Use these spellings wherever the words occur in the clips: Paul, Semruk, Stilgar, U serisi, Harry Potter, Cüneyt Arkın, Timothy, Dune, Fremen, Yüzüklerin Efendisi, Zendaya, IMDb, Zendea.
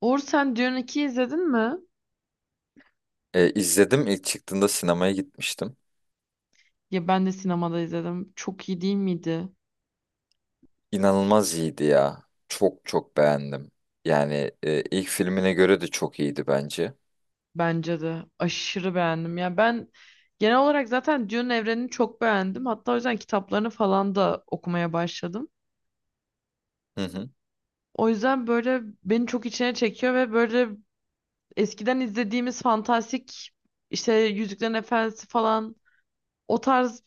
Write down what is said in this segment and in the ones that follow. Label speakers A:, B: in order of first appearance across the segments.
A: Uğur sen Dune 2'yi izledin mi?
B: İzledim ilk çıktığında sinemaya gitmiştim.
A: Ya ben de sinemada izledim. Çok iyi değil miydi?
B: İnanılmaz iyiydi ya. Çok çok beğendim. Yani ilk filmine göre de çok iyiydi bence.
A: Bence de. Aşırı beğendim. Ya ben genel olarak zaten Dune evrenini çok beğendim. Hatta o yüzden kitaplarını falan da okumaya başladım.
B: Hı hı.
A: O yüzden böyle beni çok içine çekiyor ve böyle eskiden izlediğimiz fantastik işte Yüzüklerin Efendisi falan o tarz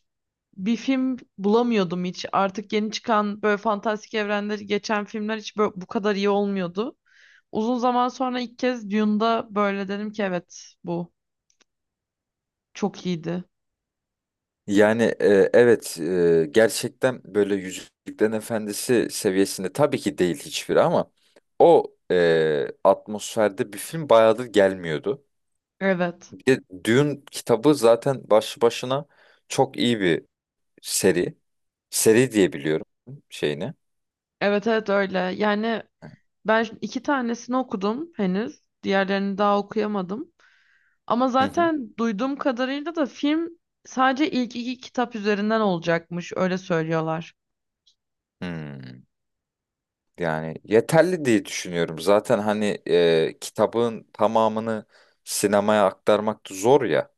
A: bir film bulamıyordum hiç. Artık yeni çıkan böyle fantastik evrenleri geçen filmler hiç böyle bu kadar iyi olmuyordu. Uzun zaman sonra ilk kez Dune'da böyle dedim ki evet bu çok iyiydi.
B: Yani evet, gerçekten böyle Yüzüklerin Efendisi seviyesinde tabii ki değil hiçbiri ama o atmosferde bir film bayağıdır gelmiyordu.
A: Evet.
B: Bir de Dune kitabı zaten başlı başına çok iyi bir seri. Seri diye biliyorum şeyini.
A: Evet evet öyle. Yani ben iki tanesini okudum henüz. Diğerlerini daha okuyamadım. Ama
B: Hı hı.
A: zaten duyduğum kadarıyla da film sadece ilk iki kitap üzerinden olacakmış. Öyle söylüyorlar.
B: Hmm. Yani yeterli diye düşünüyorum. Zaten hani kitabın tamamını sinemaya aktarmak da zor ya.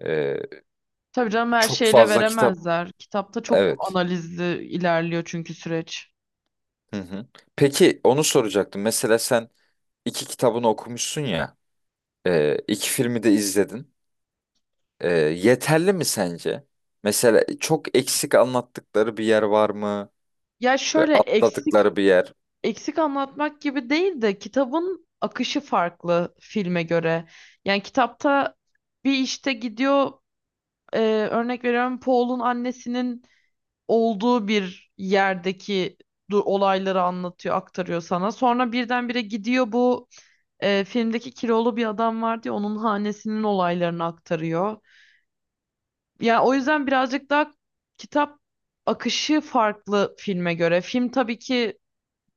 B: E,
A: Tabii canım her
B: Çok
A: şeyle
B: fazla kitap.
A: veremezler. Kitapta çok
B: Evet.
A: analizli ilerliyor çünkü süreç.
B: Hı hı. Peki onu soracaktım. Mesela sen iki kitabını okumuşsun ya. İki filmi de izledin. Yeterli mi sence? Mesela çok eksik anlattıkları bir yer var mı?
A: Ya
B: Ve
A: şöyle eksik
B: atladıkları bir yer.
A: anlatmak gibi değil de kitabın akışı farklı filme göre. Yani kitapta bir işte gidiyor e, örnek veriyorum Paul'un annesinin olduğu bir yerdeki olayları anlatıyor, aktarıyor sana. Sonra birdenbire gidiyor bu filmdeki kilolu bir adam var diye onun hanesinin olaylarını aktarıyor. Yani o yüzden birazcık daha kitap akışı farklı filme göre. Film tabii ki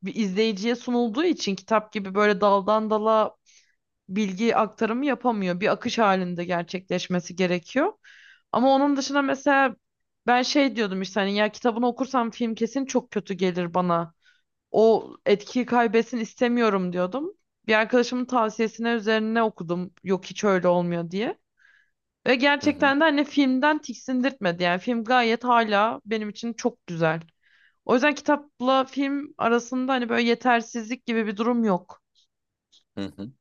A: bir izleyiciye sunulduğu için kitap gibi böyle daldan dala bilgi aktarımı yapamıyor. Bir akış halinde gerçekleşmesi gerekiyor. Ama onun dışında mesela ben şey diyordum işte hani ya kitabını okursam film kesin çok kötü gelir bana. O etkiyi kaybetsin istemiyorum diyordum. Bir arkadaşımın tavsiyesine üzerine okudum. Yok hiç öyle olmuyor diye. Ve
B: Hı hı.
A: gerçekten de hani filmden tiksindirtmedi. Yani film gayet hala benim için çok güzel. O yüzden kitapla film arasında hani böyle yetersizlik gibi bir durum yok.
B: Hı hı.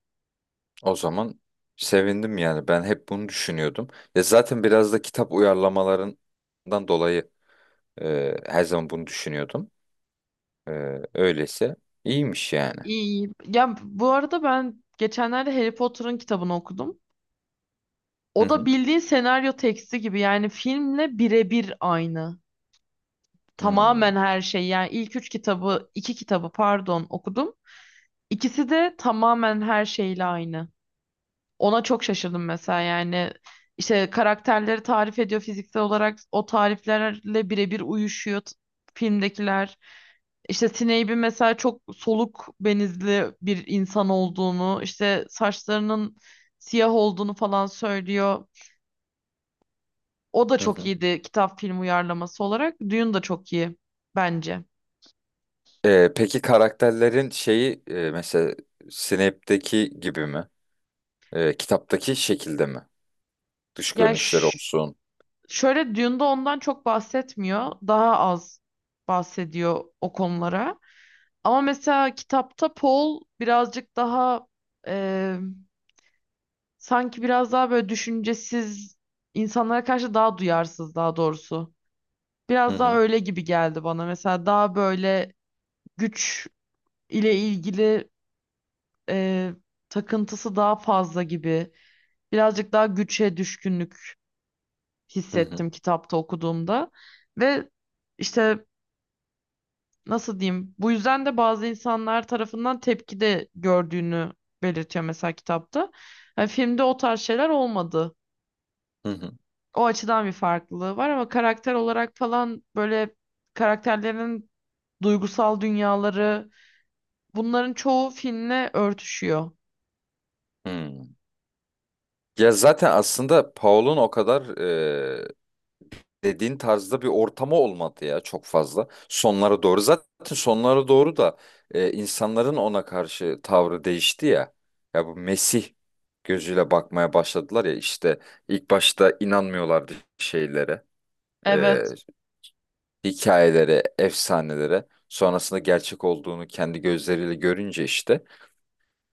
B: O zaman sevindim yani. Ben hep bunu düşünüyordum. Ya zaten biraz da kitap uyarlamalarından dolayı her zaman bunu düşünüyordum. Öyleyse iyiymiş yani.
A: İyi. Ya bu arada ben geçenlerde Harry Potter'ın kitabını okudum.
B: Hı
A: O da
B: hı.
A: bildiğin senaryo teksti gibi yani filmle birebir aynı.
B: Hmm.
A: Tamamen her şey yani ilk üç kitabı, iki kitabı pardon okudum. İkisi de tamamen her şeyle aynı. Ona çok şaşırdım mesela yani işte karakterleri tarif ediyor fiziksel olarak o tariflerle birebir uyuşuyor filmdekiler. İşte Snape'in mesela çok soluk benizli bir insan olduğunu, işte saçlarının siyah olduğunu falan söylüyor. O da
B: Hı
A: çok
B: hı.
A: iyiydi kitap film uyarlaması olarak. Dune da çok iyi bence.
B: Peki karakterlerin şeyi, mesela Snape'deki gibi mi? Kitaptaki şekilde mi? Dış
A: Yani
B: görünüşleri olsun.
A: şöyle Dune'da ondan çok bahsetmiyor. Daha az bahsediyor o konulara. Ama mesela kitapta Paul birazcık daha e, sanki biraz daha böyle düşüncesiz insanlara karşı daha duyarsız daha doğrusu.
B: Hı
A: Biraz daha
B: hı.
A: öyle gibi geldi bana. Mesela daha böyle güç ile ilgili e, takıntısı daha fazla gibi. Birazcık daha güçe düşkünlük
B: Hı hı.
A: hissettim kitapta okuduğumda. Ve işte nasıl diyeyim? Bu yüzden de bazı insanlar tarafından tepki de gördüğünü belirtiyor mesela kitapta. Yani filmde o tarz şeyler olmadı.
B: Hı hı.
A: O açıdan bir farklılığı var ama karakter olarak falan böyle karakterlerin duygusal dünyaları bunların çoğu filmle örtüşüyor.
B: Hmm. Ya zaten aslında Paul'un o kadar dediğin tarzda bir ortamı olmadı ya çok fazla. Sonlara doğru zaten, sonlara doğru da insanların ona karşı tavrı değişti ya. Ya bu Mesih gözüyle bakmaya başladılar ya işte, ilk başta inanmıyorlardı şeylere, e,
A: Evet,
B: hikayelere, efsanelere. Sonrasında gerçek olduğunu kendi gözleriyle görünce işte.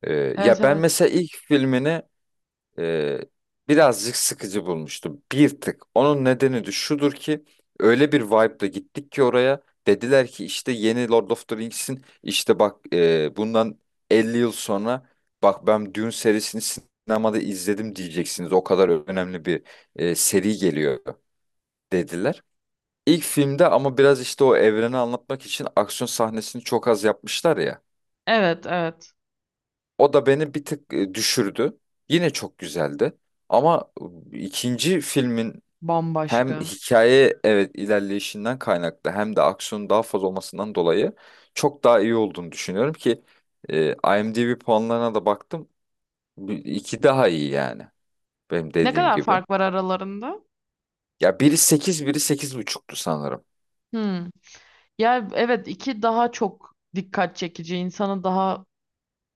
B: E,
A: evet,
B: ya ben
A: evet.
B: mesela ilk filmini e, birazcık sıkıcı bulmuştum. Bir tık. Onun nedeni de şudur ki, öyle bir vibe'la gittik ki oraya, dediler ki işte yeni Lord of the Rings'in, işte bak, bundan 50 yıl sonra bak, ben Dune serisini sinemada izledim diyeceksiniz. O kadar önemli bir seri geliyor dediler. İlk filmde ama biraz işte o evreni anlatmak için aksiyon sahnesini çok az yapmışlar ya.
A: Evet, evet.
B: O da beni bir tık düşürdü. Yine çok güzeldi. Ama ikinci filmin hem
A: Bambaşka.
B: hikaye, evet, ilerleyişinden kaynaklı, hem de aksiyonun daha fazla olmasından dolayı çok daha iyi olduğunu düşünüyorum ki IMDb puanlarına da baktım. İki daha iyi yani, benim
A: Ne
B: dediğim
A: kadar
B: gibi.
A: fark var aralarında?
B: Ya biri 8, biri sekiz buçuktu sanırım.
A: Hmm. Ya evet iki daha çok dikkat çekici, insanı daha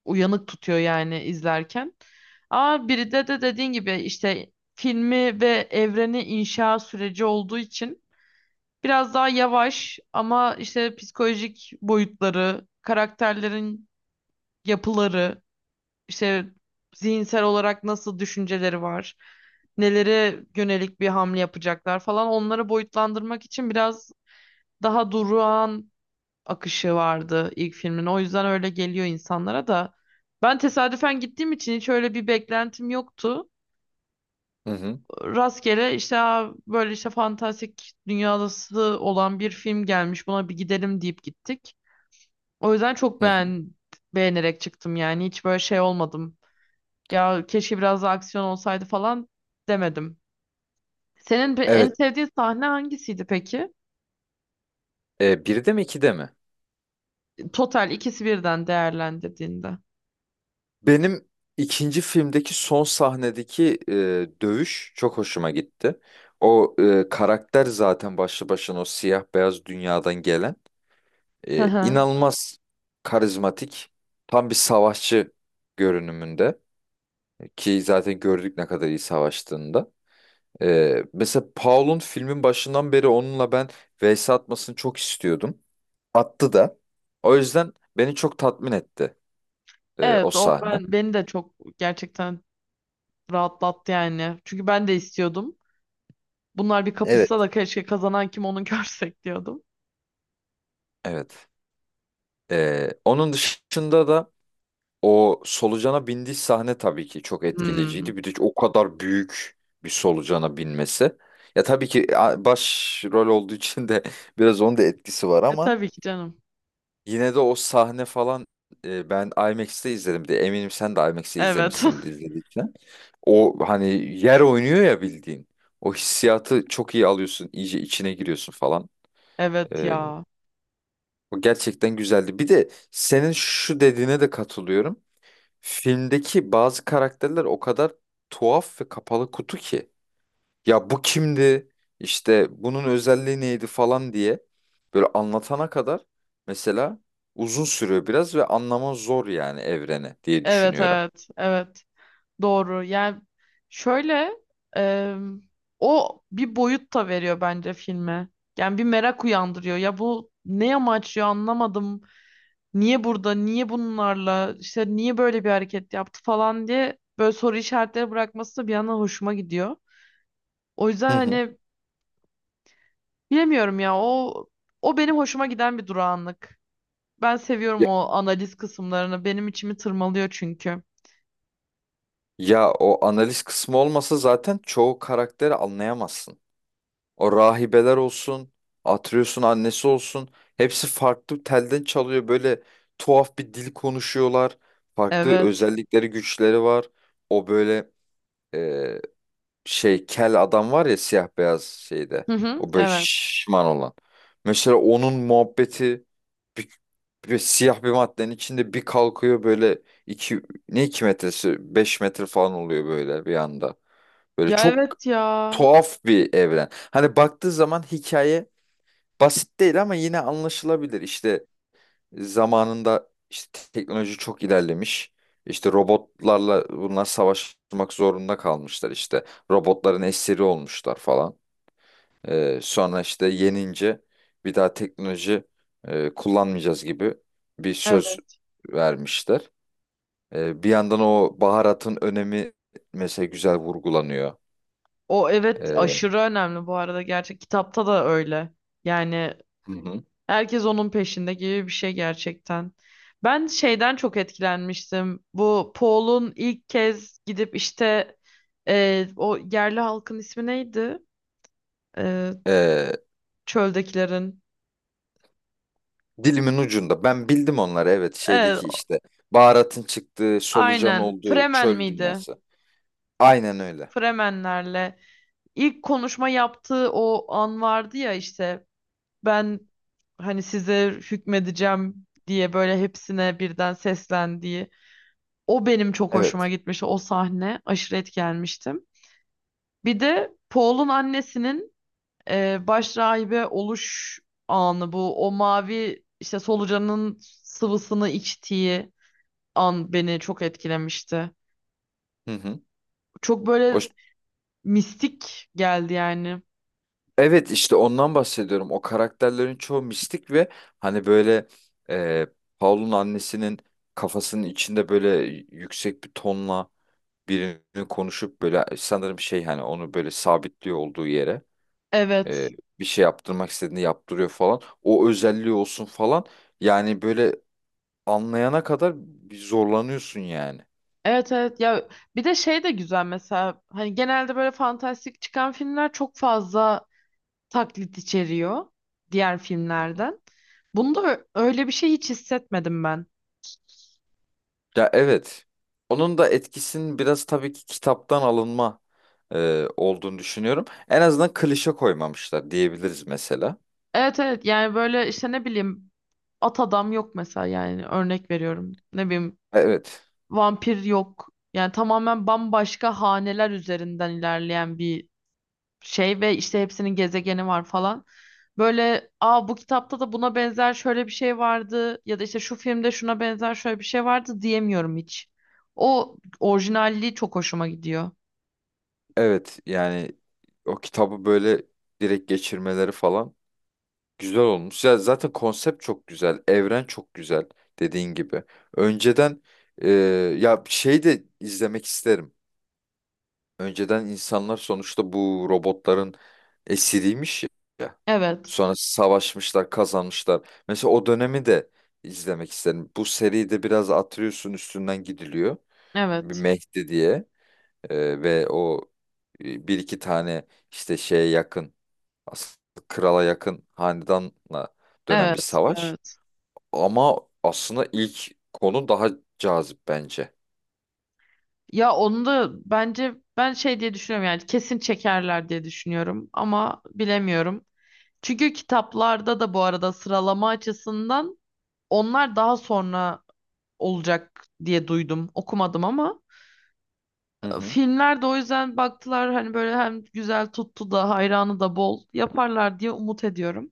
A: uyanık tutuyor yani izlerken. Ama biri de dediğin gibi işte filmi ve evreni inşa süreci olduğu için biraz daha yavaş ama işte psikolojik boyutları, karakterlerin yapıları, işte zihinsel olarak nasıl düşünceleri var, nelere yönelik bir hamle yapacaklar falan onları boyutlandırmak için biraz daha durağan akışı vardı ilk filmin. O yüzden öyle geliyor insanlara da. Ben tesadüfen gittiğim için hiç öyle bir beklentim yoktu.
B: Hı hı.
A: Rastgele işte "Aa, böyle işte fantastik dünyası olan bir film gelmiş buna bir gidelim deyip gittik. O yüzden çok
B: Hı hı.
A: beğen beğenerek çıktım yani hiç böyle şey olmadım. Ya keşke biraz daha aksiyon olsaydı falan demedim. Senin en
B: Evet,
A: sevdiğin sahne hangisiydi peki?
B: biri de mi ikide mi?
A: Total ikisi birden değerlendirdiğinde.
B: Benim ikinci filmdeki son sahnedeki dövüş çok hoşuma gitti. O karakter zaten başlı başına o siyah beyaz dünyadan gelen,
A: Hı hı.
B: inanılmaz karizmatik, tam bir savaşçı görünümünde, ki zaten gördük ne kadar iyi savaştığında. Mesela Paul'un filmin başından beri onunla ben vs atmasını çok istiyordum. Attı da. O yüzden beni çok tatmin etti o
A: Evet o
B: sahne.
A: beni de çok gerçekten rahatlattı yani. Çünkü ben de istiyordum. Bunlar bir
B: Evet.
A: kapışsa da keşke kazanan kim onu görsek diyordum.
B: Evet. Onun dışında da o solucana bindiği sahne tabii ki çok
A: Hmm.
B: etkileyiciydi. Bir de o kadar büyük bir solucana binmesi. Ya tabii ki baş rol olduğu için de biraz onun da etkisi var,
A: E
B: ama
A: tabii ki canım.
B: yine de o sahne falan, ben IMAX'te izledim de eminim sen de IMAX'te
A: Evet.
B: izlemişsin izlediğin için. O hani yer oynuyor ya bildiğin. O hissiyatı çok iyi alıyorsun. İyice içine giriyorsun falan.
A: Evet
B: Ee,
A: ya.
B: O gerçekten güzeldi. Bir de senin şu dediğine de katılıyorum. Filmdeki bazı karakterler o kadar tuhaf ve kapalı kutu ki. Ya bu kimdi? İşte bunun özelliği neydi falan diye böyle anlatana kadar mesela uzun sürüyor biraz ve anlama zor yani evreni diye
A: Evet
B: düşünüyorum.
A: evet. Evet. Doğru. Yani şöyle e, o bir boyut da veriyor bence filme. Yani bir merak uyandırıyor. Ya bu ne amaçlıyor anlamadım. Niye burada, niye bunlarla, işte niye böyle bir hareket yaptı falan diye böyle soru işaretleri bırakması da bir yandan hoşuma gidiyor. O yüzden
B: Hı hı.
A: hani bilemiyorum ya o benim hoşuma giden bir durağanlık. Ben seviyorum
B: Ya,
A: o analiz kısımlarını. Benim içimi tırmalıyor çünkü.
B: ya o analiz kısmı olmasa zaten çoğu karakteri anlayamazsın. O rahibeler olsun, Atreus'un annesi olsun. Hepsi farklı telden çalıyor. Böyle tuhaf bir dil konuşuyorlar. Farklı
A: Evet.
B: özellikleri, güçleri var. O böyle, e, şey, kel adam var ya siyah beyaz şeyde.
A: Hı hı,
B: O böyle
A: evet.
B: şişman olan. Mesela onun muhabbeti, bir, bir siyah bir maddenin içinde bir kalkıyor böyle, iki, ne iki metresi? Beş metre falan oluyor böyle bir anda. Böyle
A: Ya
B: çok
A: evet ya.
B: tuhaf bir evren. Hani baktığı zaman hikaye basit değil ama yine anlaşılabilir. İşte zamanında işte teknoloji çok ilerlemiş. İşte robotlarla bunlar savaşmak zorunda kalmışlar işte. Robotların esiri olmuşlar falan. Sonra işte yenince bir daha teknoloji kullanmayacağız gibi bir söz
A: Evet.
B: vermişler. Bir yandan o baharatın önemi mesela güzel vurgulanıyor.
A: O evet
B: Ee,
A: aşırı önemli bu arada gerçek kitapta da öyle. Yani
B: hı hı.
A: herkes onun peşinde gibi bir şey gerçekten. Ben şeyden çok etkilenmiştim. Bu Paul'un ilk kez gidip işte o yerli halkın ismi neydi? E,
B: Ee,
A: Çöldekilerin.
B: Dilimin ucunda. Ben bildim onları, evet,
A: Evet,
B: şeydeki işte baharatın çıktığı, solucan
A: aynen.
B: olduğu
A: Fremen
B: çöl
A: miydi?
B: dünyası. Aynen öyle.
A: Fremenlerle ilk konuşma yaptığı o an vardı ya işte ben hani size hükmedeceğim diye böyle hepsine birden seslendiği o benim çok hoşuma
B: Evet.
A: gitmişti. O sahne aşırı etkilenmiştim. Bir de Paul'un annesinin baş rahibe oluş anı bu o mavi işte solucanın sıvısını içtiği an beni çok etkilemişti.
B: Hı hı.
A: Çok
B: O,
A: böyle mistik geldi yani.
B: evet işte ondan bahsediyorum. O karakterlerin çoğu mistik ve hani böyle, e, Paul'un annesinin kafasının içinde böyle yüksek bir tonla birini konuşup böyle, sanırım şey, hani onu böyle sabitliyor olduğu yere, e,
A: Evet.
B: bir şey yaptırmak istediğini yaptırıyor falan. O özelliği olsun falan. Yani böyle anlayana kadar bir zorlanıyorsun yani.
A: Evet evet ya bir de şey de güzel mesela hani genelde böyle fantastik çıkan filmler çok fazla taklit içeriyor diğer filmlerden. Bunda öyle bir şey hiç hissetmedim ben.
B: Ya evet. Onun da etkisinin biraz tabii ki kitaptan alınma olduğunu düşünüyorum. En azından klişe koymamışlar diyebiliriz mesela.
A: Evet evet yani böyle işte ne bileyim at adam yok mesela yani örnek veriyorum. Ne bileyim
B: Evet.
A: vampir yok. Yani tamamen bambaşka haneler üzerinden ilerleyen bir şey ve işte hepsinin gezegeni var falan. Böyle aa bu kitapta da buna benzer şöyle bir şey vardı ya da işte şu filmde şuna benzer şöyle bir şey vardı diyemiyorum hiç. O orijinalliği çok hoşuma gidiyor.
B: Evet yani o kitabı böyle direkt geçirmeleri falan güzel olmuş. Ya zaten konsept çok güzel. Evren çok güzel dediğin gibi. Önceden, e, ya şey de izlemek isterim. Önceden insanlar sonuçta bu robotların esiriymiş ya.
A: Evet.
B: Sonra savaşmışlar, kazanmışlar. Mesela o dönemi de izlemek isterim. Bu seride biraz atlıyorsun, üstünden gidiliyor. Bir
A: Evet.
B: Mehdi diye. Ve o, bir iki tane işte şeye yakın, aslında krala yakın hanedanla dönen bir
A: Evet.
B: savaş.
A: Evet.
B: Ama aslında ilk konu daha cazip bence.
A: Ya onu da bence ben şey diye düşünüyorum yani kesin çekerler diye düşünüyorum ama bilemiyorum. Çünkü kitaplarda da bu arada sıralama açısından onlar daha sonra olacak diye duydum. Okumadım ama
B: Hı hı.
A: filmler de o yüzden baktılar hani böyle hem güzel tuttu da hayranı da bol yaparlar diye umut ediyorum.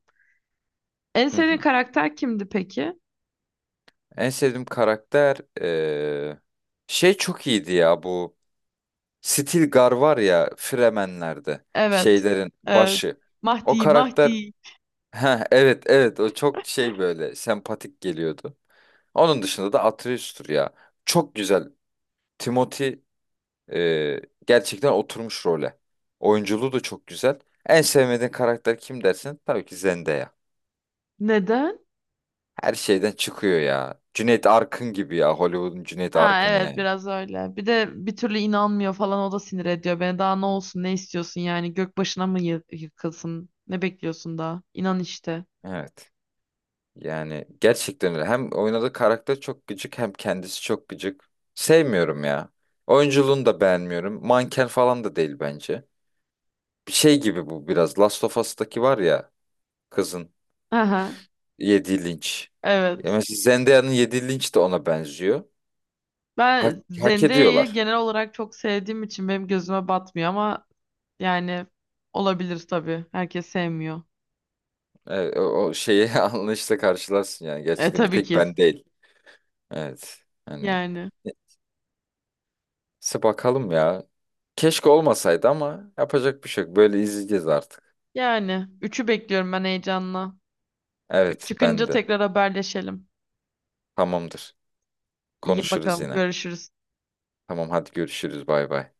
A: En
B: Hı
A: sevdiğin
B: hı.
A: karakter kimdi peki?
B: En sevdiğim karakter, şey çok iyiydi ya bu, Stilgar var ya Fremenler'de
A: Evet.
B: şeylerin
A: Evet.
B: başı. O
A: Mahdi,
B: karakter,
A: Mahdi.
B: ha evet evet, o çok şey, böyle sempatik geliyordu. Onun dışında da Atreus'tur ya. Çok güzel. Timothy eee, gerçekten oturmuş role. Oyunculuğu da çok güzel. En sevmediğin karakter kim dersin? Tabii ki Zendaya.
A: Neden?
B: Her şeyden çıkıyor ya. Cüneyt Arkın gibi ya. Hollywood'un Cüneyt
A: Ha
B: Arkın'ı
A: evet
B: yani.
A: biraz öyle. Bir de bir türlü inanmıyor falan o da sinir ediyor beni. Daha ne olsun ne istiyorsun yani gök başına mı yıkılsın? Ne bekliyorsun daha? İnan işte.
B: Evet. Yani gerçekten öyle. Hem oynadığı karakter çok gıcık, hem kendisi çok gıcık. Sevmiyorum ya. Oyunculuğunu da beğenmiyorum. Manken falan da değil bence. Bir şey gibi bu biraz. Last of Us'taki var ya, kızın
A: Aha,
B: yediği linç. Ya
A: evet.
B: mesela Zendaya'nın yediği linç de ona benziyor. Hak,
A: Ben
B: hak
A: Zendea'yı
B: ediyorlar.
A: genel olarak çok sevdiğim için benim gözüme batmıyor ama yani olabilir tabii. Herkes sevmiyor.
B: Evet, o şeyi anlayışla karşılarsın yani.
A: E
B: Gerçekten bir
A: tabii
B: tek
A: ki.
B: ben değil. Evet. Hani
A: Yani.
B: neyse bakalım ya. Keşke olmasaydı ama yapacak bir şey yok. Böyle izleyeceğiz artık.
A: Yani. Üçü bekliyorum ben heyecanla. Üç
B: Evet ben
A: çıkınca
B: de.
A: tekrar haberleşelim.
B: Tamamdır.
A: İyi
B: Konuşuruz
A: bakalım.
B: yine.
A: Görüşürüz.
B: Tamam hadi görüşürüz bay bay.